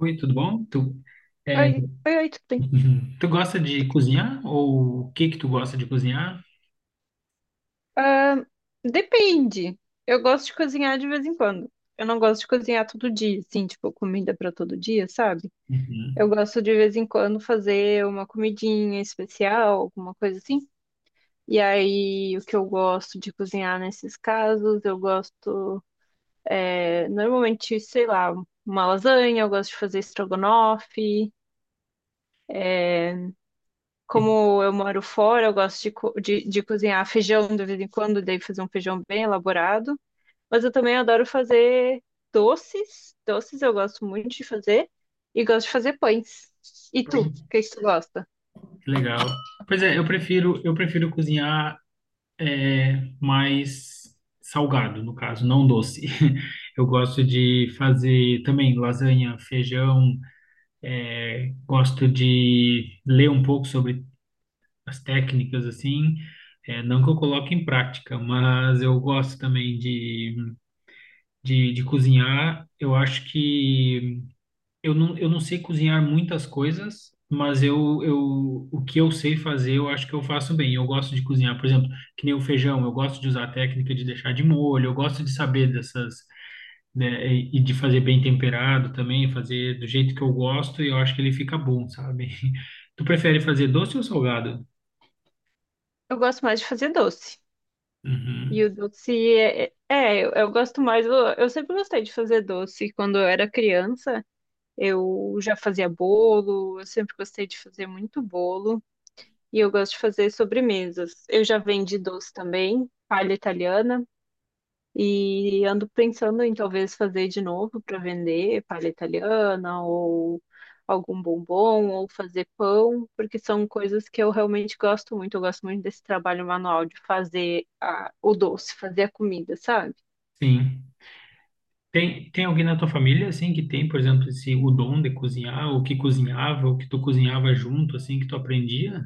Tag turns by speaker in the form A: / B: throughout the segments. A: Oi, tudo bom? Tu, é,
B: Oi, oi, oi, tudo bem?
A: tu gosta de cozinhar? Ou o que que tu gosta de cozinhar?
B: Ahn, Depende. Eu gosto de cozinhar de vez em quando. Eu não gosto de cozinhar todo dia, assim, tipo, comida pra todo dia, sabe? Eu
A: Uhum.
B: gosto de vez em quando fazer uma comidinha especial, alguma coisa assim. E aí, o que eu gosto de cozinhar nesses casos, eu gosto, normalmente, sei lá, uma lasanha, eu gosto de fazer estrogonofe.
A: E,
B: Como eu moro fora, eu gosto de cozinhar feijão de vez em quando, daí fazer um feijão bem elaborado. Mas eu também adoro fazer doces. Doces eu gosto muito de fazer. E gosto de fazer pães. E tu,
A: oi,
B: o que é que tu gosta?
A: que legal. Pois é, eu prefiro cozinhar mais salgado, no caso, não doce. Eu gosto de fazer também lasanha, feijão, gosto de ler um pouco sobre as técnicas, assim. É, não que eu coloque em prática, mas eu gosto também de cozinhar. Eu acho que eu não sei cozinhar muitas coisas, mas o que eu sei fazer, eu acho que eu faço bem. Eu gosto de cozinhar, por exemplo, que nem o feijão, eu gosto de usar a técnica de deixar de molho, eu gosto de saber dessas, né, e de fazer bem temperado também, fazer do jeito que eu gosto e eu acho que ele fica bom, sabe? Tu prefere fazer doce ou salgado?
B: Eu gosto mais de fazer doce. E
A: Uhum,
B: o doce eu gosto mais. Eu sempre gostei de fazer doce. Quando eu era criança, eu já fazia bolo. Eu sempre gostei de fazer muito bolo. E eu gosto de fazer sobremesas. Eu já vendi doce também, palha italiana. E ando pensando em talvez fazer de novo para vender palha italiana ou algum bombom ou fazer pão, porque são coisas que eu realmente gosto muito. Eu gosto muito desse trabalho manual de fazer o doce, fazer a comida, sabe?
A: sim. Tem alguém na tua família, assim, que tem, por exemplo, esse, o dom de cozinhar, ou que cozinhava, ou que tu cozinhava junto, assim, que tu aprendia?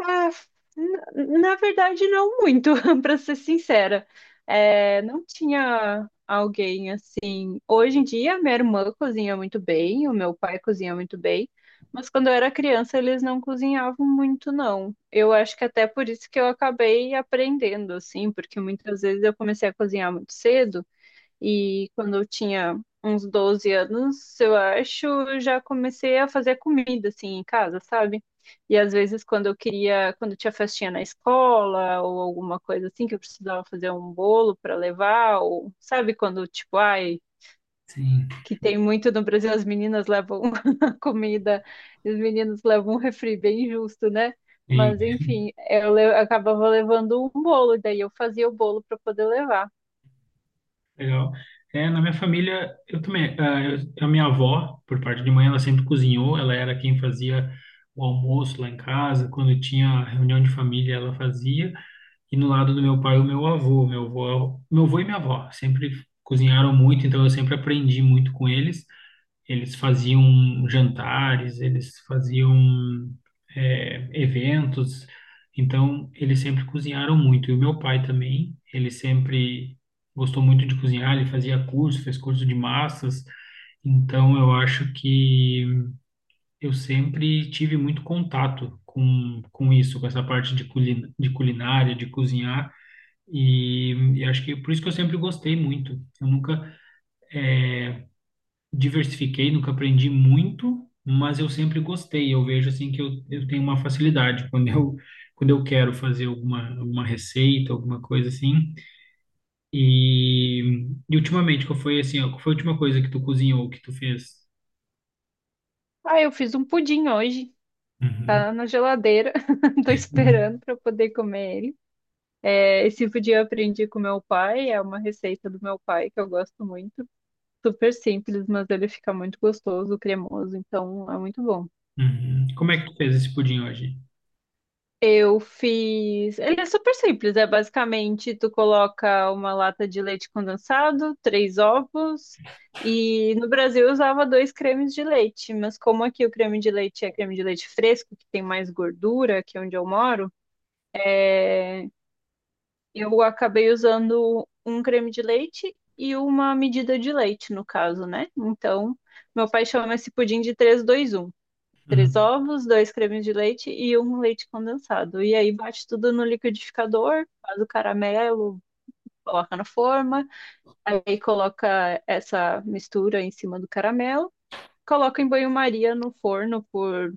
B: Ah, na verdade, não muito, para ser sincera. É, não tinha alguém assim. Hoje em dia, minha irmã cozinha muito bem, o meu pai cozinha muito bem, mas quando eu era criança, eles não cozinhavam muito, não. Eu acho que até por isso que eu acabei aprendendo, assim, porque muitas vezes eu comecei a cozinhar muito cedo. E quando eu tinha uns 12 anos, eu acho, eu já comecei a fazer comida assim em casa, sabe? E às vezes quando eu queria, quando tinha festinha na escola ou alguma coisa assim que eu precisava fazer um bolo para levar, ou sabe quando tipo, ai,
A: Sim.
B: que tem muito no Brasil as meninas levam a comida e os meninos levam um refri bem justo, né? Mas enfim, eu acabava levando um bolo, daí eu fazia o bolo para poder levar.
A: Legal. É, na minha família, eu também, ah, eu- a minha avó, por parte de mãe, ela sempre cozinhou, ela era quem fazia o almoço lá em casa, quando tinha reunião de família, ela fazia, e no lado do meu pai, o meu avô, meu avô, meu avô e minha avó, sempre cozinharam muito, então eu sempre aprendi muito com eles, eles faziam jantares, eles faziam eventos, então eles sempre cozinharam muito. E o meu pai também, ele sempre gostou muito de cozinhar, ele fazia curso, fez curso de massas, então eu acho que eu sempre tive muito contato com isso, com essa parte de, culina, de culinária, de cozinhar, e acho que por isso que eu sempre gostei muito. Eu nunca diversifiquei, nunca aprendi muito, mas eu sempre gostei. Eu vejo assim eu tenho uma facilidade quando eu quero fazer alguma receita, alguma coisa assim. E, e ultimamente, qual foi assim, ó, qual foi a última coisa que tu cozinhou, que tu fez?
B: Ah, eu fiz um pudim hoje.
A: Uhum,
B: Tá na geladeira, tô esperando
A: uhum,
B: para poder comer ele. É, esse pudim eu aprendi com meu pai, é uma receita do meu pai que eu gosto muito. Super simples, mas ele fica muito gostoso, cremoso, então é muito bom.
A: uhum. Como é que tu fez esse pudim hoje?
B: Eu fiz. Ele é super simples, é basicamente tu coloca uma lata de leite condensado, três ovos, e no Brasil eu usava dois cremes de leite, mas como aqui o creme de leite é creme de leite fresco, que tem mais gordura, que é onde eu moro. é, Eu acabei usando um creme de leite e uma medida de leite, no caso, né? Então, meu pai chama esse pudim de três dois um. Três
A: Uhum,
B: ovos, dois cremes de leite e um leite condensado. E aí bate tudo no liquidificador, faz o caramelo, coloca na forma, aí coloca essa mistura em cima do caramelo, coloca em banho-maria no forno por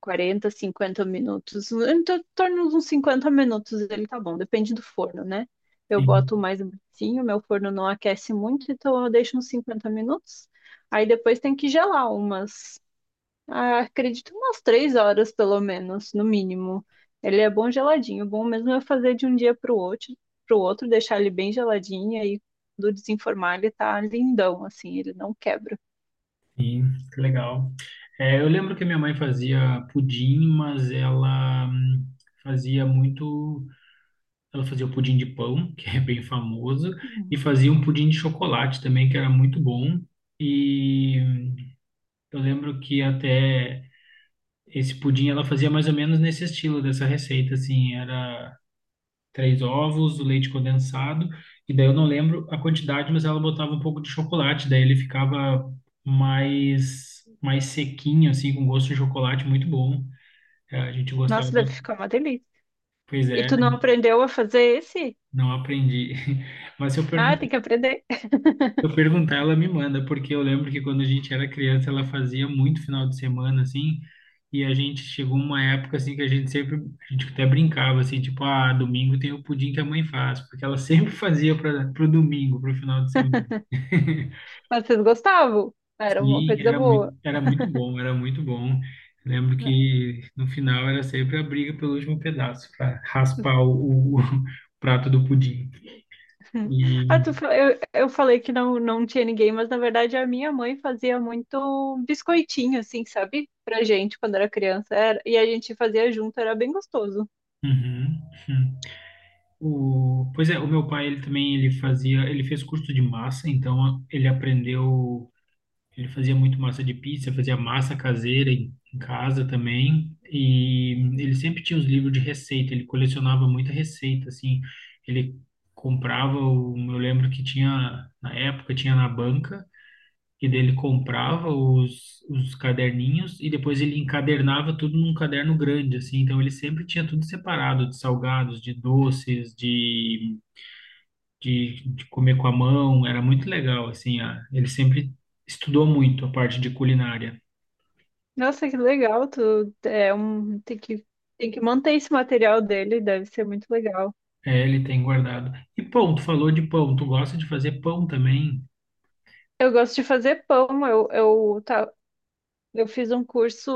B: 40, 50 minutos. Então, em torno de uns 50 minutos ele tá bom, depende do forno, né? Eu
A: sim,
B: boto mais baixinho, meu forno não aquece muito, então eu deixo uns 50 minutos. Aí depois tem que gelar umas, ah, acredito, umas 3 horas pelo menos, no mínimo. Ele é bom geladinho, bom mesmo eu fazer de um dia pro outro, deixar ele bem geladinho, aí do desenformar ele tá lindão, assim, ele não quebra.
A: sim, que legal. É, eu lembro que a minha mãe fazia pudim, mas ela fazia muito. Ela fazia o pudim de pão, que é bem famoso, e
B: Hum.
A: fazia um pudim de chocolate também, que era muito bom. E eu lembro que até esse pudim ela fazia mais ou menos nesse estilo dessa receita, assim, era três ovos, o leite condensado, e daí eu não lembro a quantidade, mas ela botava um pouco de chocolate, daí ele ficava mais mais sequinho, assim, com gosto de chocolate, muito bom. É, a gente gostava
B: Nossa, deve
A: bastante.
B: ficar uma delícia.
A: Pois
B: E
A: é,
B: tu não aprendeu a fazer esse?
A: não aprendi. Mas se eu
B: Ah,
A: perguntar
B: tem que aprender.
A: eu perguntar, ela me manda, porque eu lembro que quando a gente era criança, ela fazia muito final de semana, assim, e a gente chegou uma época, assim, que a gente sempre, a gente até brincava, assim, tipo, ah, domingo tem o pudim que a mãe faz, porque ela sempre fazia para pro domingo, pro final de semana.
B: Mas vocês gostavam? Era uma
A: Sim,
B: coisa boa.
A: era muito bom, era muito bom. Lembro que no final era sempre a briga pelo último pedaço, para raspar o prato do pudim. E,
B: Ah, tu, eu falei que não, não tinha ninguém, mas na verdade a minha mãe fazia muito biscoitinho, assim, sabe? Pra gente quando era criança. E a gente fazia junto, era bem gostoso.
A: uhum. Hum. O, pois é, o meu pai, ele também, ele fazia, ele fez curso de massa, então a- ele aprendeu, ele fazia muito massa de pizza, fazia massa caseira em casa também, e ele sempre tinha os livros de receita, ele colecionava muita receita, assim, ele comprava, o, eu lembro que tinha, na época, tinha na banca, e dele comprava os caderninhos e depois ele encadernava tudo num caderno grande, assim. Então ele sempre tinha tudo separado de salgados, de doces, de comer com a mão, era muito legal, assim, a- ele sempre estudou muito a parte de culinária.
B: Nossa, que legal. Tu, é um, tem que manter esse material dele, deve ser muito legal.
A: É, ele tem guardado. E pão, tu falou de pão, tu gosta de fazer pão também?
B: Eu gosto de fazer pão. Tá, eu fiz um curso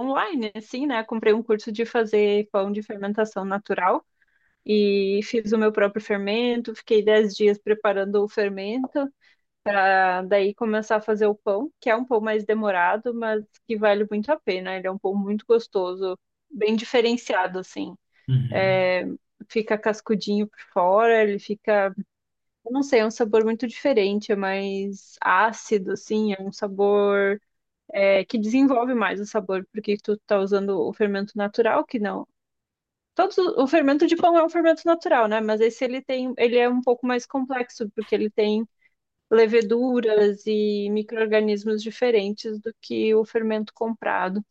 B: online, assim, né? Comprei um curso de fazer pão de fermentação natural. E fiz o meu próprio fermento, fiquei 10 dias preparando o fermento, pra daí começar a fazer o pão, que é um pão mais demorado, mas que vale muito a pena. Ele é um pão muito gostoso, bem diferenciado, assim.
A: Uhum,
B: É, fica cascudinho por fora, ele fica, eu não sei, é um sabor muito diferente, é mais ácido, assim, é um sabor que desenvolve mais o sabor, porque tu tá usando o fermento natural, que não. Todos, o fermento de pão é um fermento natural, né? Mas esse ele tem, ele é um pouco mais complexo, porque ele tem leveduras e micro-organismos diferentes do que o fermento comprado.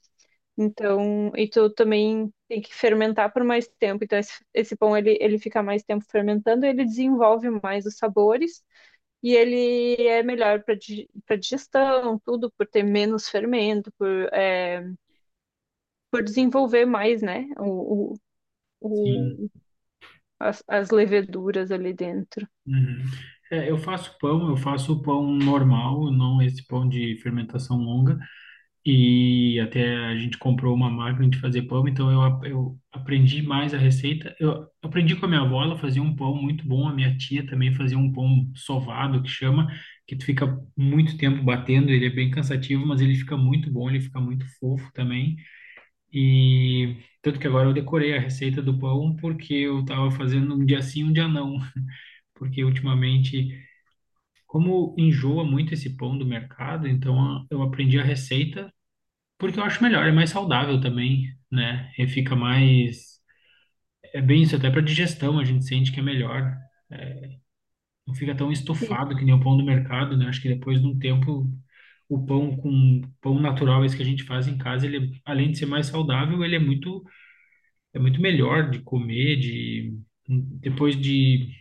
B: Então, e tu também tem que fermentar por mais tempo. Então, esse pão ele, ele fica mais tempo fermentando, ele desenvolve mais os sabores e ele é melhor para para digestão, tudo, por ter menos fermento, por, é, por desenvolver mais, né?
A: sim.
B: O as leveduras ali dentro.
A: Uhum. É, eu faço pão normal, não esse pão de fermentação longa. E até a gente comprou uma máquina de fazer pão, então eu, ap- eu aprendi mais a receita. Eu aprendi com a minha avó, ela fazia um pão muito bom, a minha tia também fazia um pão sovado, que chama, que tu fica muito tempo batendo, ele é bem cansativo, mas ele fica muito bom, ele fica muito fofo também. E tanto que agora eu decorei a receita do pão, porque eu tava fazendo um dia sim, um dia não, porque ultimamente, como enjoa muito esse pão do mercado, então a- eu aprendi a receita porque eu acho melhor, é mais saudável também, né? E fica mais. É bem isso, até para digestão a gente sente que é melhor. Não fica tão
B: Sim.
A: estufado que nem o pão do mercado, né? Acho que depois de um tempo, o pão com pão natural, esse que a gente faz em casa, além de ser mais saudável, ele é muito melhor de comer, de depois de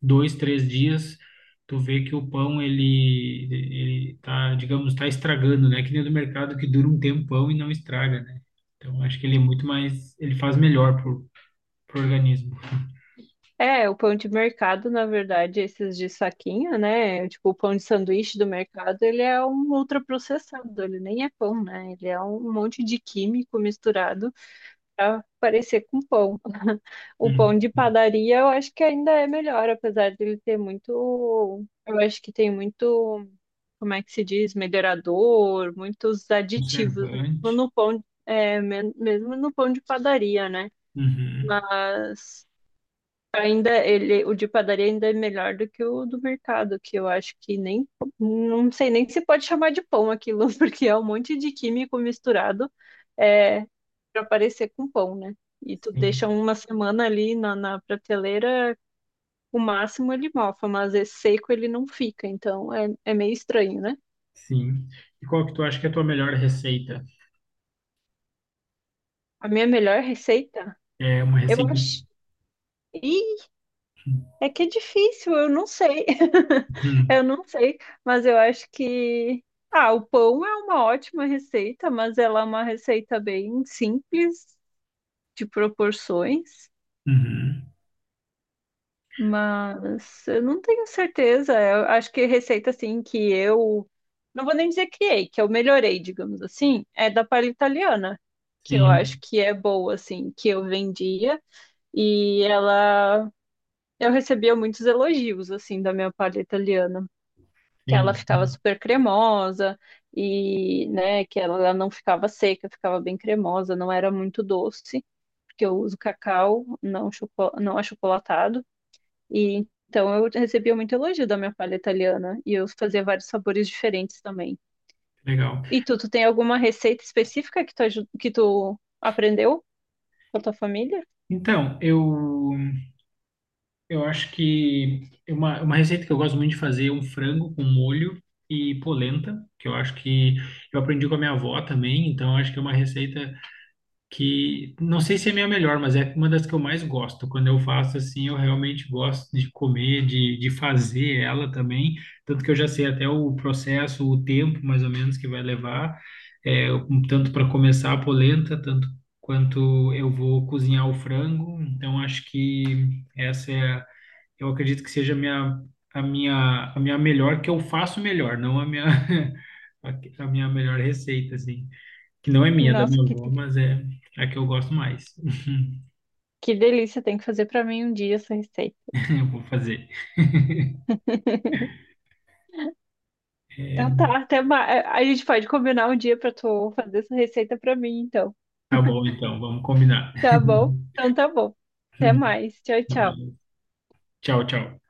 A: dois, três dias, tu vê que o pão ele tá, digamos, tá estragando, né? Que nem o do mercado que dura um tempão e não estraga, né? Então acho que ele é muito mais, ele faz melhor pro, pro organismo.
B: É, o pão de mercado, na verdade, esses de saquinho, né? Tipo, o pão de sanduíche do mercado, ele é um ultraprocessado, ele nem é pão, né? Ele é um monte de químico misturado para parecer com pão. O pão de
A: Hum.
B: padaria, eu acho que ainda é melhor, apesar dele ter muito, eu acho que tem muito, como é que se diz, melhorador, muitos aditivos, mesmo
A: Conservante.
B: no pão, mesmo no pão de padaria, né?
A: Uhum.
B: Mas ainda ele, o de padaria ainda é melhor do que o do mercado, que eu acho que nem, não sei nem se pode chamar de pão aquilo, porque é um monte de químico misturado, é, para parecer com pão, né? E tu deixa
A: Sim,
B: uma semana ali na prateleira, o máximo ele mofa, mas é seco ele não fica, então é, é meio estranho, né?
A: sim. E qual que tu acha que é a tua melhor receita?
B: A minha melhor receita,
A: É uma
B: eu
A: receita.
B: acho. É que é difícil, eu não sei.
A: Uhum.
B: Eu não sei, mas eu acho que. Ah, o pão é uma ótima receita, mas ela é uma receita bem simples, de proporções.
A: Uhum.
B: Mas eu não tenho certeza. Eu acho que receita assim que eu. Não vou nem dizer criei, que eu melhorei, digamos assim, é da palha italiana, que eu acho
A: Sim,
B: que é boa, assim, que eu vendia e ela. Eu recebia muitos elogios, assim, da minha palha italiana. Que ela
A: sim.
B: ficava
A: Uhum.
B: super cremosa e, né, que ela não ficava seca, ficava bem cremosa, não era muito doce, porque eu uso cacau, não, choco- não achocolatado. E então eu recebia muito elogio da minha palha italiana e eu fazia vários sabores diferentes também.
A: Legal.
B: E tu, tu tem alguma receita específica que tu, que tu aprendeu com a tua família?
A: Então, eu. Eu acho que é uma receita que eu gosto muito de fazer é um frango com molho e polenta, que eu acho que eu aprendi com a minha avó também, então eu acho que é uma receita que não sei se é a minha melhor, mas é uma das que eu mais gosto. Quando eu faço assim, eu realmente gosto de comer, de fazer ela também, tanto que eu já sei até o processo, o tempo mais ou menos que vai levar, é, um tanto para começar a polenta, tanto quanto eu vou cozinhar o frango. Então acho que essa é, eu acredito que seja a minha melhor, que eu faço melhor, não a minha, a, minha melhor receita, assim. Que não é minha, é da
B: Nossa,
A: minha
B: que,
A: avó, mas é a que eu gosto mais.
B: que delícia, tem que fazer pra mim um dia essa receita.
A: Eu vou fazer. É,
B: Então tá, até mais. A gente pode combinar um dia pra tu fazer essa receita pra mim, então.
A: tá bom, então, vamos combinar.
B: Tá bom? Então tá bom. Até
A: Até
B: mais. Tchau,
A: mais.
B: tchau.
A: Tchau, tchau.